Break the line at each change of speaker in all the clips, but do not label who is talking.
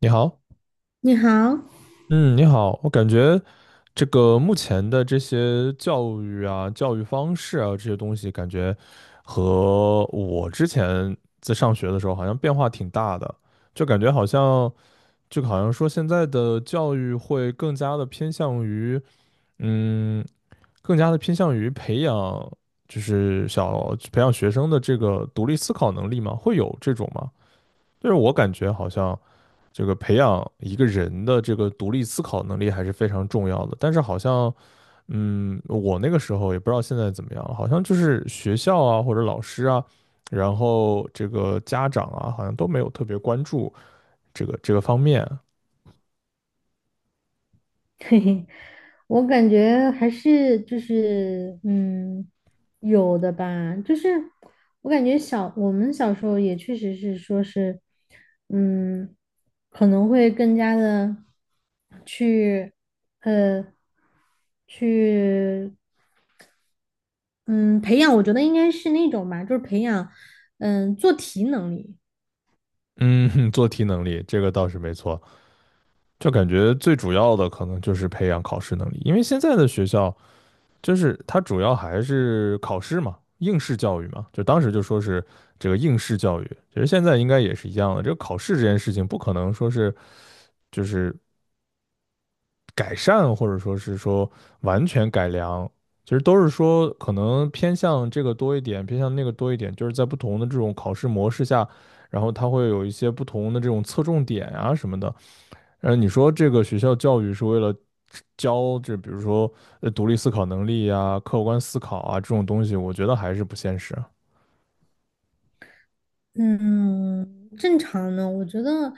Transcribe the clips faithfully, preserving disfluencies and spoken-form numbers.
你好。
你好，
嗯，你好，我感觉这个目前的这些教育啊、教育方式啊这些东西，感觉和我之前在上学的时候好像变化挺大的，就感觉好像就好像说现在的教育会更加的偏向于，嗯，更加的偏向于培养就是小培养学生的这个独立思考能力嘛，会有这种吗？就是我感觉好像。这个培养一个人的这个独立思考能力还是非常重要的。但是好像，嗯，我那个时候也不知道现在怎么样，了，好像就是学校啊或者老师啊，然后这个家长啊，好像都没有特别关注这个这个方面。
嘿嘿，我感觉还是就是嗯，有的吧，就是我感觉小我们小时候也确实是说是，嗯，可能会更加的去呃去嗯培养，我觉得应该是那种吧，就是培养嗯做题能力，
嗯，做题能力这个倒是没错，就感觉最主要的可能就是培养考试能力，因为现在的学校就是它主要还是考试嘛，应试教育嘛，就当时就说是这个应试教育，其实现在应该也是一样的。这个考试这件事情不可能说是就是改善，或者说是说完全改良，其实都是说可能偏向这个多一点，偏向那个多一点，就是在不同的这种考试模式下，然后它会有一些不同的这种侧重点啊什么的。呃，你说这个学校教育是为了教这，比如说呃独立思考能力啊、客观思考啊这种东西，我觉得还是不现实。
嗯，正常的，我觉得，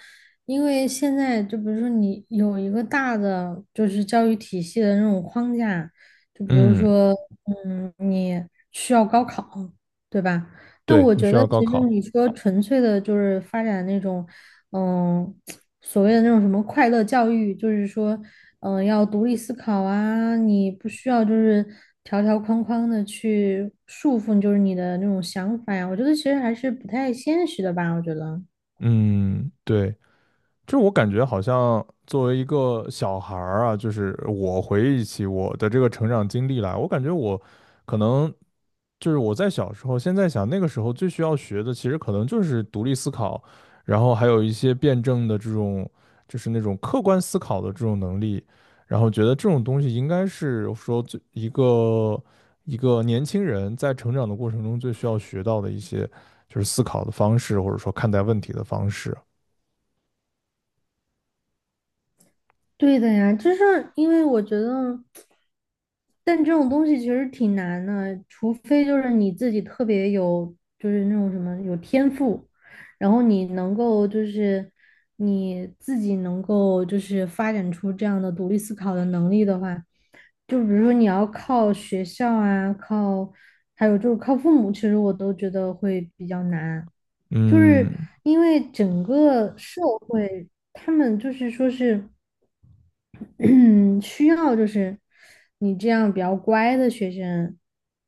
因为现在就比如说你有一个大的就是教育体系的那种框架，就比如
嗯，
说，嗯，你需要高考，对吧？那
对，
我
你
觉
需
得
要高
其实
考。
你说纯粹的就是发展那种，嗯，所谓的那种什么快乐教育，就是说嗯、呃要独立思考啊，你不需要就是条条框框的去束缚，就是你的那种想法呀。我觉得其实还是不太现实的吧，我觉得。
嗯，对。就我感觉好像作为一个小孩儿啊，就是我回忆起我的这个成长经历来，我感觉我可能就是我在小时候，现在想那个时候最需要学的，其实可能就是独立思考，然后还有一些辩证的这种，就是那种客观思考的这种能力，然后觉得这种东西应该是说最一个一个年轻人在成长的过程中最需要学到的一些，就是思考的方式，或者说看待问题的方式。
对的呀，就是因为我觉得。但这种东西其实挺难的，除非就是你自己特别有，就是那种什么有天赋，然后你能够就是你自己能够就是发展出这样的独立思考的能力的话，就比如说你要靠学校啊，靠还有就是靠父母，其实我都觉得会比较难，就是
嗯，
因为整个社会他们就是说是。需要就是你这样比较乖的学生，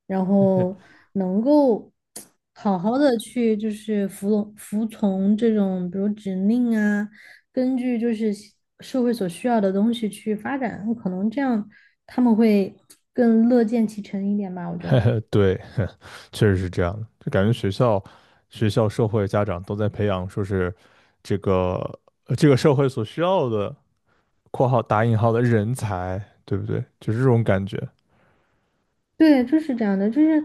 然后能够好好的去就是服从服从这种比如指令啊，根据就是西社会所需要的东西去发展，可能这样他们会更乐见其成一点吧，我觉得。
对，确实是这样的。就感觉学校、学校、社会、家长都在培养，说是这个呃这个社会所需要的（括号打引号的人才），对不对？就是这种感觉。
对，就是这样的，就是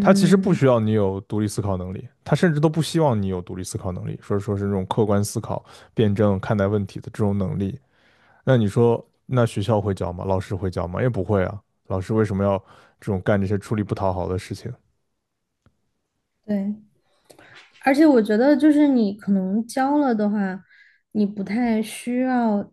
他其实不需要你有独立思考能力，他甚至都不希望你有独立思考能力，说说是那种客观思考、辩证看待问题的这种能力。那你说，那学校会教吗？老师会教吗？也不会啊。老师为什么要这种干这些出力不讨好的事情？
对。而且我觉得，就是你可能教了的话，你不太需要，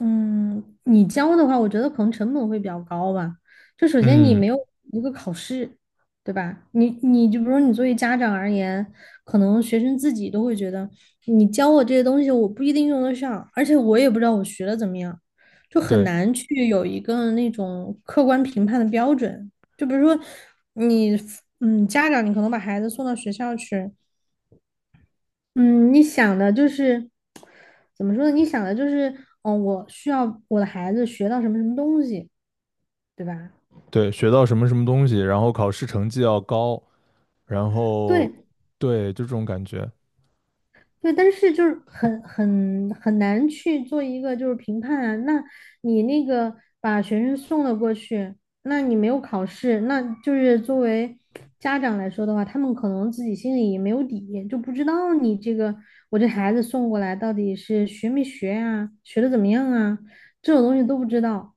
嗯，你教的话，我觉得可能成本会比较高吧。就首先你
嗯，
没有一个考试，对吧？你你就比如说你作为家长而言，可能学生自己都会觉得，你教我这些东西，我不一定用得上，而且我也不知道我学的怎么样，就很
对。
难去有一个那种客观评判的标准。就比如说你，嗯，家长你可能把孩子送到学校去。嗯，你想的就是怎么说呢？你想的就是，嗯，我需要我的孩子学到什么什么东西，对吧？
对，学到什么什么东西，然后考试成绩要高，然后
对
对，就这种感觉。
对，但是就是很很很难去做一个就是评判啊。那你那个把学生送了过去，那你没有考试，那就是作为家长来说的话，他们可能自己心里也没有底，就不知道你这个我这孩子送过来到底是学没学啊，学的怎么样啊，这种东西都不知道。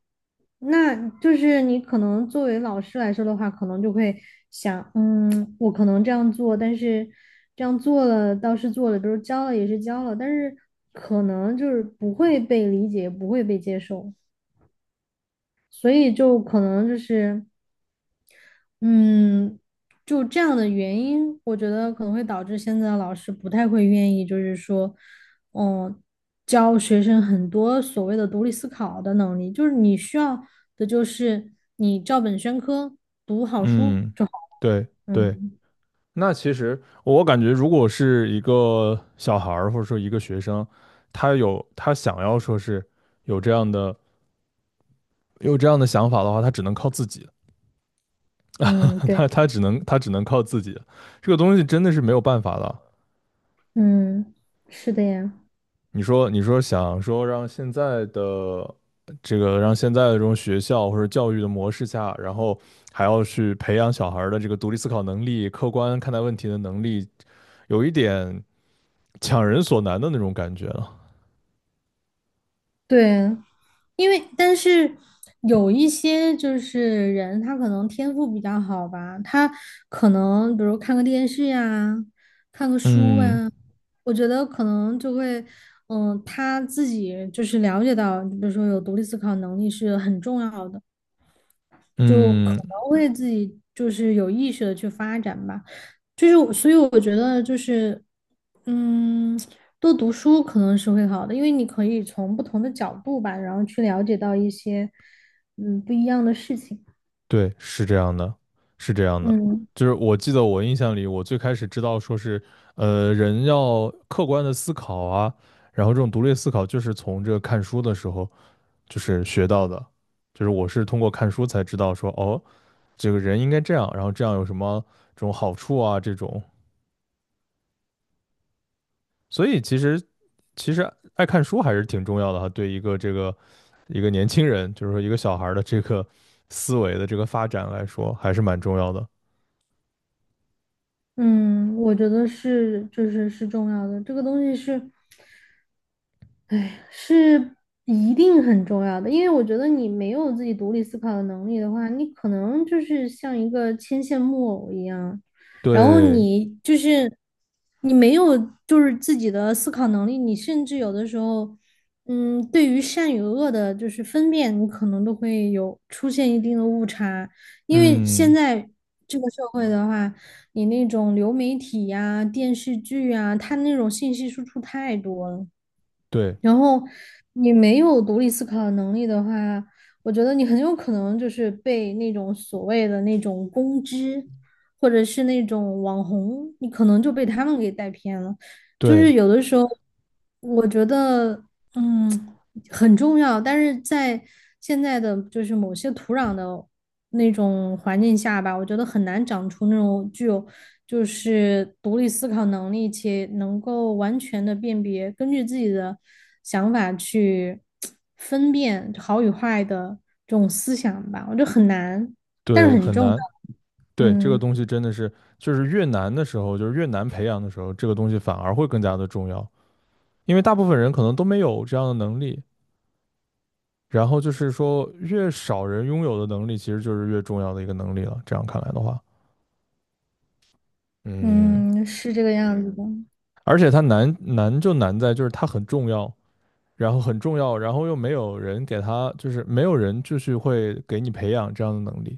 那就是你可能作为老师来说的话，可能就会想，嗯，我可能这样做，但是这样做了倒是做了，比如教了也是教了，但是可能就是不会被理解，不会被接受，所以就可能就是。嗯，就这样的原因，我觉得可能会导致现在的老师不太会愿意，就是说，嗯，教学生很多所谓的独立思考的能力，就是你需要的就是你照本宣科。
嗯，对对。
嗯
那其实我感觉，如果是一个小孩儿或者说一个学生，他有他想要说是有这样的有这样的想法的话，他只能靠自己，
嗯，对，
他他只能他只能靠自己，这个东西真的是没有办法的。
嗯，是的呀。
你说，你说想说让现在的这个让现在的这种学校或者教育的模式下，然后还要去培养小孩儿的这个独立思考能力、客观看待问题的能力，有一点强人所难的那种感觉了。
对，因为但是有一些就是人，他可能天赋比较好吧，他可能比如看个电视呀，看个书
嗯
啊，我觉得可能就会，嗯，他自己就是了解到，比如说有独立思考能力是很重要的。就可
嗯，
能会自己就是有意识的去发展吧。就是我，所以我觉得就是，嗯，多读书可能是会好的，因为你可以从不同的角度吧，然后去了解到一些嗯不一样的事情。
对，是这样的，是这样的。
嗯。
就是我记得我印象里，我最开始知道说是，呃，人要客观的思考啊，然后这种独立思考就是从这个看书的时候。就是学到的，就是我是通过看书才知道说，哦，这个人应该这样，然后这样有什么这种好处啊，这种，所以其实其实爱看书还是挺重要的哈，对一个这个一个年轻人，就是说一个小孩儿的这个思维的这个发展来说，还是蛮重要的。
嗯，我觉得是，就是是重要的。这个东西是，哎，是一定很重要的。因为我觉得你没有自己独立思考的能力的话，你可能就是像一个牵线木偶一样，然后
对，
你就是你没有就是自己的思考能力，你甚至有的时候，嗯，对于善与恶的就是分辨，你可能都会有出现一定的误差。因为现
嗯，
在这个社会的话。你那种流媒体呀、电视剧呀，它那种信息输出太多了，
对
然后你没有独立思考的能力的话，我觉得你很有可能就是被那种所谓的那种公知，或者是那种网红，你可能就被他们给带偏了。就是
对
有的时候，我觉得，嗯，很重要，但是在现在的就是某些土壤的那种环境下吧，我觉得很难长出那种具有就是独立思考能力且能够完全的辨别，根据自己的想法去分辨好与坏的这种思想吧，我觉得很难，但
对，
是很
很
重要。
难。对，这个
嗯
东西真的是，就是越难的时候，就是越难培养的时候，这个东西反而会更加的重要，因为大部分人可能都没有这样的能力。然后就是说，越少人拥有的能力，其实就是越重要的一个能力了。这样看来的话，嗯，
嗯，是这个样子的。
而且它难难就难在就是它很重要，然后很重要，然后又没有人给它，就是没有人就是会给你培养这样的能力，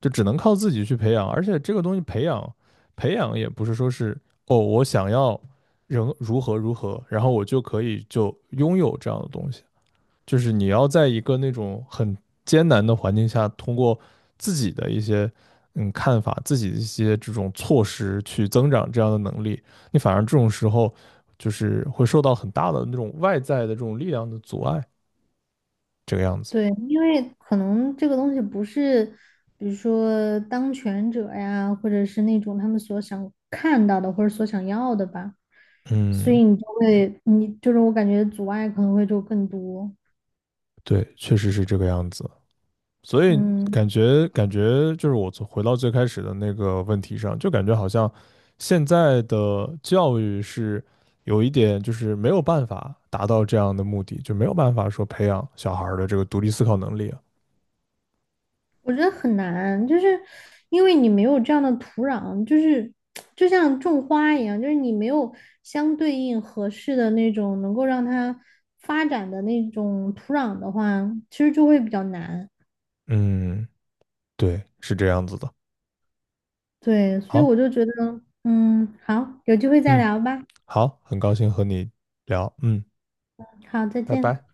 就只能靠自己去培养。而且这个东西培养培养也不是说是哦，我想要人如何如何，然后我就可以就拥有这样的东西。就是你要在一个那种很艰难的环境下，通过自己的一些嗯看法、自己的一些这种措施去增长这样的能力，你反而这种时候就是会受到很大的那种外在的这种力量的阻碍，这个样子。
对，因为可能这个东西不是，比如说当权者呀，或者是那种他们所想看到的或者所想要的吧，所
嗯，
以你就会，你就是我感觉阻碍可能会就更多。
对，确实是这个样子。所以
嗯，
感觉感觉就是我从回到最开始的那个问题上，就感觉好像现在的教育是有一点就是没有办法达到这样的目的，就没有办法说培养小孩儿的这个独立思考能力啊。
我觉得很难，就是因为你没有这样的土壤，就是就像种花一样，就是你没有相对应合适的那种能够让它发展的那种土壤的话，其实就会比较难。
嗯，对，是这样子的。
对，所以我
好，
就觉得，嗯，好，有机会再
嗯，
聊吧。
好，很高兴和你聊，嗯，
好，再
拜
见。
拜。